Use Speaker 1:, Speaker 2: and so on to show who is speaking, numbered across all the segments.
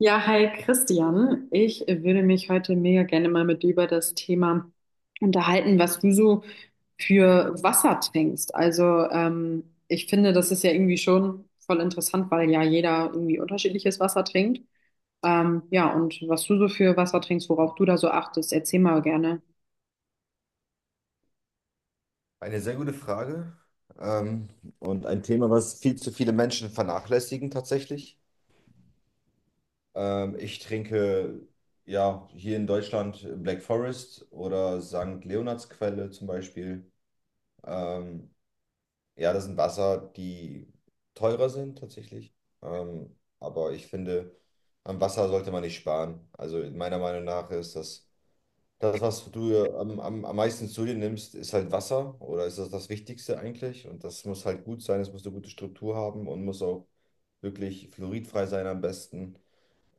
Speaker 1: Ja, hi Christian. Ich würde mich heute mega gerne mal mit dir über das Thema unterhalten, was du so für Wasser trinkst. Also ich finde, das ist ja irgendwie schon voll interessant, weil ja jeder irgendwie unterschiedliches Wasser trinkt. Ja, und was du so für Wasser trinkst, worauf du da so achtest, erzähl mal gerne.
Speaker 2: Eine sehr gute Frage, ähm, und ein Thema, was viel zu viele Menschen vernachlässigen tatsächlich. Ich trinke ja hier in Deutschland Black Forest oder St. Leonardsquelle zum Beispiel. Ähm, ja, das sind Wasser, die teurer sind tatsächlich. Aber ich finde, am Wasser sollte man nicht sparen. Also meiner Meinung nach ist das, was du am meisten zu dir nimmst, ist halt Wasser, oder ist das Wichtigste eigentlich? Und das muss halt gut sein, es muss eine gute Struktur haben und muss auch wirklich fluoridfrei sein am besten.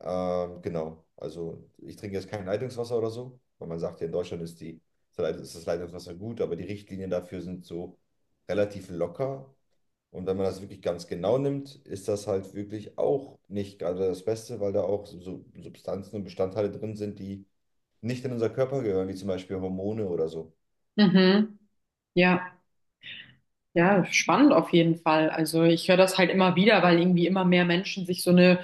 Speaker 2: Genau, also ich trinke jetzt kein Leitungswasser oder so, weil man sagt ja, in Deutschland ist das Leitungswasser gut, aber die Richtlinien dafür sind so relativ locker. Und wenn man das wirklich ganz genau nimmt, ist das halt wirklich auch nicht gerade das Beste, weil da auch so Substanzen und Bestandteile drin sind, die nicht in unser Körper gehören, wie zum Beispiel Hormone oder so.
Speaker 1: Mhm. Ja, ja, spannend auf jeden Fall. Also ich höre das halt immer wieder, weil irgendwie immer mehr Menschen sich so eine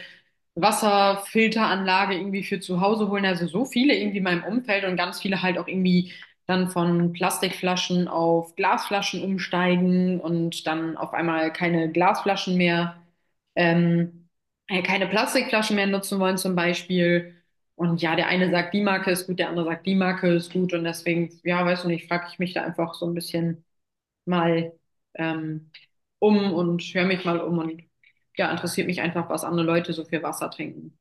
Speaker 1: Wasserfilteranlage irgendwie für zu Hause holen. Also so viele irgendwie in meinem Umfeld und ganz viele halt auch irgendwie dann von Plastikflaschen auf Glasflaschen umsteigen und dann auf einmal keine Glasflaschen mehr, ähm, keine Plastikflaschen mehr nutzen wollen zum Beispiel. Und ja, der eine sagt, die Marke ist gut, der andere sagt, die Marke ist gut. Und deswegen, ja, weißt du nicht, frage ich mich da einfach so ein bisschen mal ähm, um und höre mich mal um und ja, interessiert mich einfach, was andere Leute so viel Wasser trinken.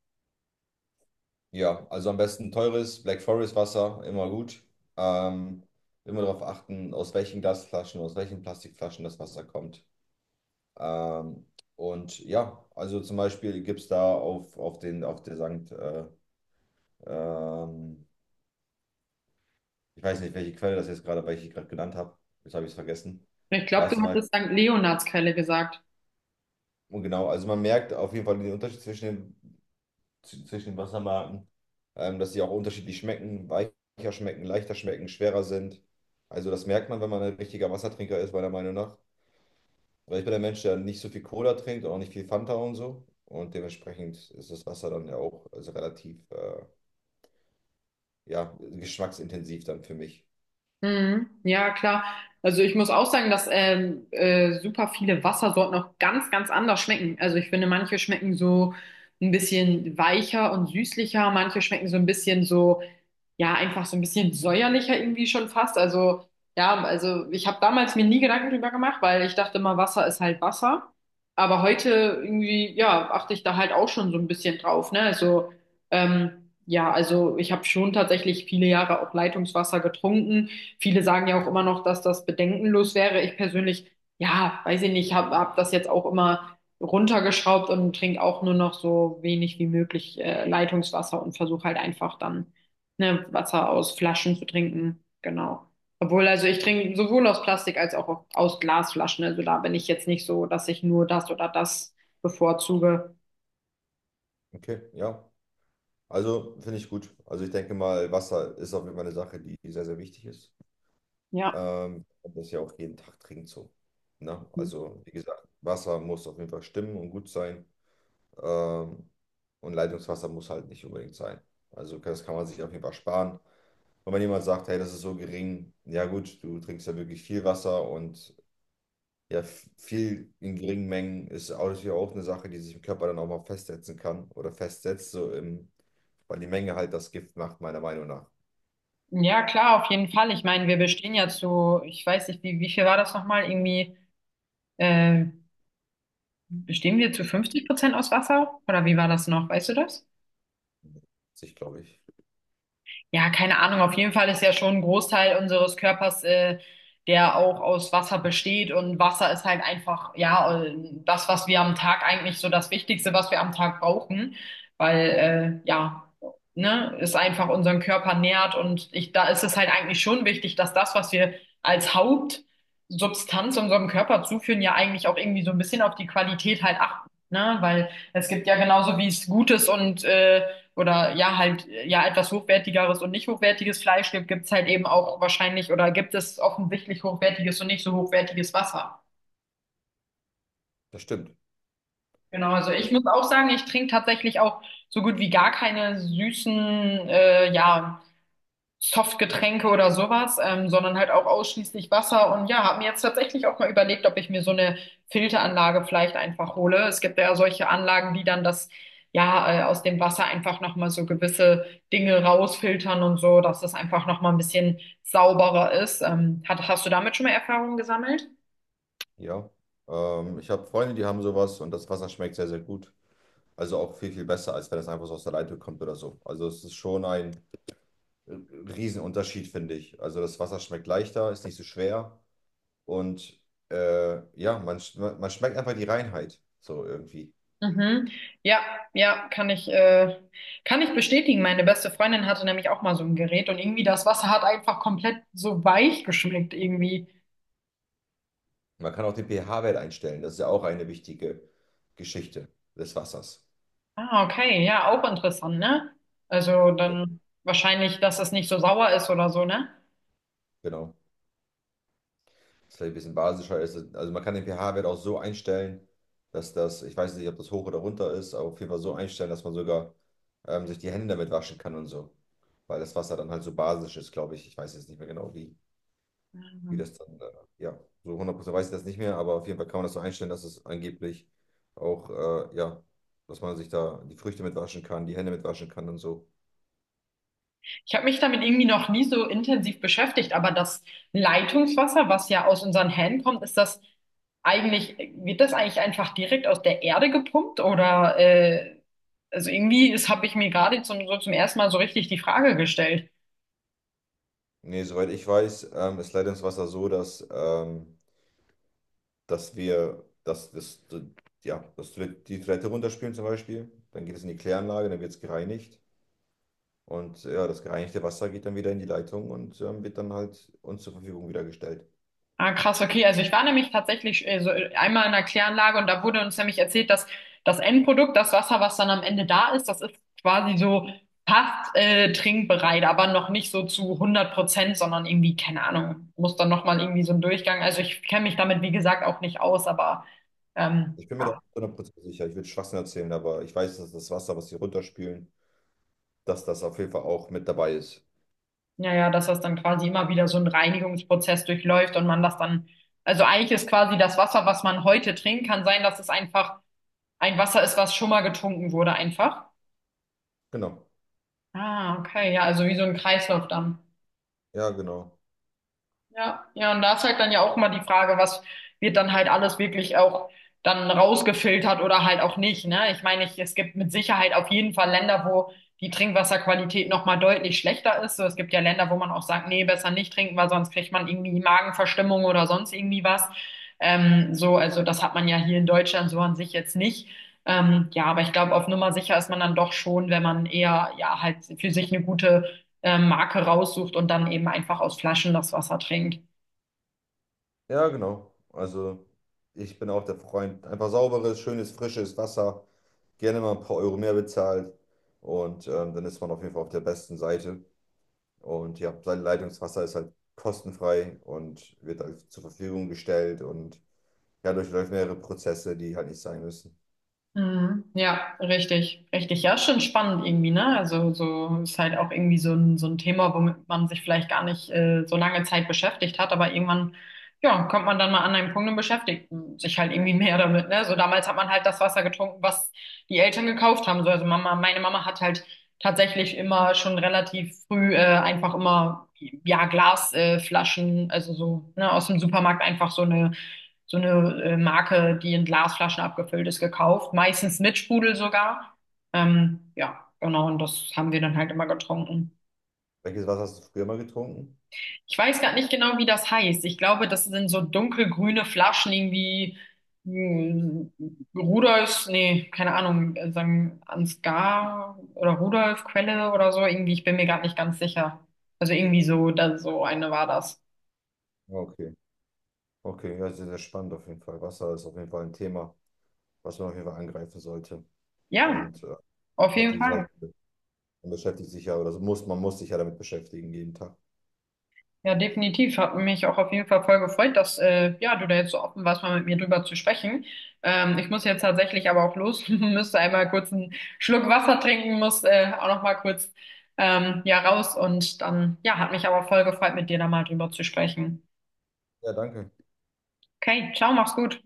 Speaker 2: Ja, also am besten teures Black Forest Wasser, immer gut. Ähm, Immer darauf achten, aus welchen Glasflaschen, aus welchen Plastikflaschen das Wasser kommt. Ähm, und ja, also zum Beispiel gibt es da auf der Sankt, ähm, ich weiß nicht, welche Quelle das jetzt gerade, welche ich gerade genannt habe. Jetzt habe ich es vergessen.
Speaker 1: Ich
Speaker 2: Da
Speaker 1: glaube,
Speaker 2: ist
Speaker 1: du
Speaker 2: zum Beispiel,
Speaker 1: hattest St. Leonardskeile gesagt.
Speaker 2: und genau, also man merkt auf jeden Fall den Unterschied zwischen den Wassermarken, dass die auch unterschiedlich schmecken, weicher schmecken, leichter schmecken, schwerer sind. Also das merkt man, wenn man ein richtiger Wassertrinker ist, meiner Meinung nach. Weil ich bin ein Mensch, der nicht so viel Cola trinkt und auch nicht viel Fanta und so. Und dementsprechend ist das Wasser dann ja auch also relativ ja, geschmacksintensiv dann für mich.
Speaker 1: Mhm. Ja, klar. Also ich muss auch sagen, dass super viele Wassersorten auch ganz, ganz anders schmecken. Also ich finde, manche schmecken so ein bisschen weicher und süßlicher, manche schmecken so ein bisschen so ja, einfach so ein bisschen säuerlicher irgendwie schon fast. Also, ja, also ich habe damals mir nie Gedanken drüber gemacht, weil ich dachte immer, Wasser ist halt Wasser. Aber heute irgendwie, ja, achte ich da halt auch schon so ein bisschen drauf, ne? Also, ja, also ich habe schon tatsächlich viele Jahre auch Leitungswasser getrunken. Viele sagen ja auch immer noch, dass das bedenkenlos wäre. Ich persönlich, ja, weiß ich nicht, habe hab das jetzt auch immer runtergeschraubt und trinke auch nur noch so wenig wie möglich Leitungswasser und versuche halt einfach dann ne, Wasser aus Flaschen zu trinken. Genau. Obwohl, also ich trinke sowohl aus Plastik als auch aus Glasflaschen. Also da bin ich jetzt nicht so, dass ich nur das oder das bevorzuge.
Speaker 2: Okay, ja. Also finde ich gut. Also ich denke mal, Wasser ist auf jeden Fall eine Sache, die sehr, sehr wichtig ist.
Speaker 1: Ja.
Speaker 2: Und das ist ja auch jeden Tag trinkt so. Ne? Also, wie gesagt, Wasser muss auf jeden Fall stimmen und gut sein. Ähm, und Leitungswasser muss halt nicht unbedingt sein. Also, das kann man sich auf jeden Fall sparen. Und wenn jemand sagt, hey, das ist so gering, ja gut, du trinkst ja wirklich viel Wasser und ja, f- viel in geringen Mengen ist auch natürlich auch eine Sache, die sich im Körper dann auch mal festsetzen kann oder festsetzt, so im, weil die Menge halt das Gift macht, meiner Meinung nach.
Speaker 1: Ja, klar, auf jeden Fall. Ich meine, wir bestehen ja zu, ich weiß nicht, wie viel war das nochmal? Irgendwie, äh, bestehen wir zu 50% aus Wasser? Oder wie war das noch? Weißt du das?
Speaker 2: Sich, glaube ich.
Speaker 1: Ja, keine Ahnung. Auf jeden Fall ist ja schon ein Großteil unseres Körpers, der auch aus Wasser besteht. Und Wasser ist halt einfach, ja, das, was wir am Tag eigentlich so das Wichtigste, was wir am Tag brauchen. Weil, ja, ne, es einfach unseren Körper nährt. Und ich, da ist es halt eigentlich schon wichtig, dass das, was wir als Hauptsubstanz unserem Körper zuführen, ja eigentlich auch irgendwie so ein bisschen auf die Qualität halt achten. Ne? Weil es gibt ja genauso wie es Gutes und oder ja, halt ja etwas hochwertigeres und nicht hochwertiges Fleisch gibt, gibt es halt eben auch wahrscheinlich oder gibt es offensichtlich hochwertiges und nicht so hochwertiges Wasser.
Speaker 2: Das stimmt.
Speaker 1: Genau, also ich muss auch sagen, ich trinke tatsächlich auch so gut wie gar keine süßen, ja. Softgetränke oder sowas, sondern halt auch ausschließlich Wasser. Und ja, habe mir jetzt tatsächlich auch mal überlegt, ob ich mir so eine Filteranlage vielleicht einfach hole. Es gibt ja solche Anlagen, die dann das, ja, aus dem Wasser einfach nochmal so gewisse Dinge rausfiltern und so, dass es einfach nochmal ein bisschen sauberer ist. Hast du damit schon mal Erfahrungen gesammelt?
Speaker 2: Ja, ich habe Freunde, die haben sowas und das Wasser schmeckt sehr, sehr gut. Also auch viel, viel besser, als wenn es einfach so aus der Leitung kommt oder so. Also es ist schon ein äh, Riesenunterschied, finde ich. Also das Wasser schmeckt leichter, ist nicht so schwer und ja, man schmeckt einfach die Reinheit so irgendwie.
Speaker 1: Mhm. Ja, ja, kann ich bestätigen. Meine beste Freundin hatte nämlich auch mal so ein Gerät und irgendwie das Wasser hat einfach komplett so weich geschmeckt irgendwie.
Speaker 2: Man kann auch den pH-Wert einstellen, das ist ja auch eine wichtige Geschichte des Wassers.
Speaker 1: Ah, okay, ja, auch interessant, ne? Also
Speaker 2: Ja,
Speaker 1: dann wahrscheinlich, dass es nicht so sauer ist oder so, ne?
Speaker 2: genau. Das vielleicht ein bisschen basischer ist. Also man kann den pH-Wert auch so einstellen, dass das, ich weiß nicht, ob das hoch oder runter ist, aber auf jeden Fall so einstellen, dass man sogar sich die Hände damit waschen kann und so. Weil das Wasser dann halt so basisch ist, glaube ich. Ich weiß jetzt nicht mehr genau, wie
Speaker 1: Mhm.
Speaker 2: das dann, ja, so 100% weiß ich das nicht mehr, aber auf jeden Fall kann man das so einstellen, dass es angeblich auch, ja, dass man sich da die Früchte mit waschen kann, die Hände mit waschen kann und so.
Speaker 1: Ich habe mich damit irgendwie noch nie so intensiv beschäftigt, aber das Leitungswasser, was ja aus unseren Händen kommt, wird das eigentlich einfach direkt aus der Erde gepumpt oder also irgendwie ist, habe ich mir gerade zum, so zum ersten Mal so richtig die Frage gestellt.
Speaker 2: Nee, soweit ich weiß, ist Leitungswasser so, dass das, ja, dass wir die Toilette runterspülen zum Beispiel, dann geht es in die Kläranlage, dann wird es gereinigt und ja, das gereinigte Wasser geht dann wieder in die Leitung und wird dann halt uns zur Verfügung wieder gestellt.
Speaker 1: Ah, krass, okay. Also ich war nämlich tatsächlich einmal in einer Kläranlage und da wurde uns nämlich erzählt, dass das Endprodukt, das Wasser, was dann am Ende da ist, das ist quasi so fast trinkbereit, aber noch nicht so zu hundert Prozent, sondern irgendwie, keine Ahnung, muss dann nochmal irgendwie so ein Durchgang. Also ich kenne mich damit, wie gesagt, auch nicht aus, aber ähm,
Speaker 2: Ich bin mir da
Speaker 1: ja,
Speaker 2: 100% sicher, ich würde Schwachsinn erzählen, aber ich weiß, dass das Wasser, was sie runterspülen, dass das auf jeden Fall auch mit dabei ist.
Speaker 1: ja, dass das dann quasi immer wieder so ein Reinigungsprozess durchläuft und man das dann, also eigentlich ist quasi das Wasser, was man heute trinkt, kann sein, dass es einfach ein Wasser ist, was schon mal getrunken wurde, einfach.
Speaker 2: Genau,
Speaker 1: Ah, okay, ja, also wie so ein Kreislauf dann.
Speaker 2: ja, genau,
Speaker 1: Ja, ja, und da ist halt dann ja auch immer die Frage, was wird dann halt alles wirklich auch dann rausgefiltert oder halt auch nicht, ne? Ich meine, ich, es gibt mit Sicherheit auf jeden Fall Länder, wo die Trinkwasserqualität nochmal deutlich schlechter ist. So, es gibt ja Länder, wo man auch sagt, nee, besser nicht trinken, weil sonst kriegt man irgendwie Magenverstimmung oder sonst irgendwie was. So, also das hat man ja hier in Deutschland so an sich jetzt nicht. Ja, aber ich glaube, auf Nummer sicher ist man dann doch schon, wenn man eher, ja, halt für sich eine gute Marke raussucht und dann eben einfach aus Flaschen das Wasser trinkt.
Speaker 2: ja, genau. Also ich bin auch der Freund, einfach sauberes, schönes, frisches Wasser. Gerne mal ein paar Euro mehr bezahlt und dann ist man auf jeden Fall auf der besten Seite. Und ja, sein Leitungswasser ist halt kostenfrei und wird halt zur Verfügung gestellt und ja, durchläuft mehrere Prozesse, die halt nicht sein müssen.
Speaker 1: Mhm. Ja, richtig. Richtig, ja, ist schon spannend irgendwie, ne? Also so ist halt auch irgendwie so ein Thema, womit man sich vielleicht gar nicht so lange Zeit beschäftigt hat, aber irgendwann, ja, kommt man dann mal an einen Punkt und beschäftigt sich halt irgendwie mehr damit, ne? So damals hat man halt das Wasser getrunken, was die Eltern gekauft haben. So, also Mama, meine Mama hat halt tatsächlich immer schon relativ früh einfach immer ja Flaschen, also so ne, aus dem Supermarkt einfach so eine Marke, die in Glasflaschen abgefüllt ist, gekauft. Meistens mit Sprudel sogar. Ja, genau. Und das haben wir dann halt immer getrunken.
Speaker 2: Welches Wasser hast du früher mal getrunken?
Speaker 1: Ich weiß gar nicht genau, wie das heißt. Ich glaube, das sind so dunkelgrüne Flaschen irgendwie. hm, Rudolfs, nee, keine Ahnung, sagen Ansgar oder Rudolf Quelle oder so, irgendwie, ich bin mir gerade nicht ganz sicher. Also irgendwie so, da, so eine war das.
Speaker 2: Ah, okay, okay, ja, sehr, sehr spannend auf jeden Fall. Wasser ist auf jeden Fall ein Thema, was man auf jeden Fall angreifen sollte
Speaker 1: Ja,
Speaker 2: und
Speaker 1: auf jeden
Speaker 2: beschäftigen sollte.
Speaker 1: Fall.
Speaker 2: Man beschäftigt sich ja, oder man muss sich ja damit beschäftigen jeden Tag.
Speaker 1: Ja, definitiv. Hat mich auch auf jeden Fall voll gefreut, dass ja, du da jetzt so offen warst, mal mit mir drüber zu sprechen. Ich muss jetzt tatsächlich aber auch los, müsste einmal kurz einen Schluck Wasser trinken, muss auch noch mal kurz ja raus und dann ja, hat mich aber voll gefreut, mit dir da mal drüber zu sprechen.
Speaker 2: Ja, danke.
Speaker 1: Okay, ciao, mach's gut.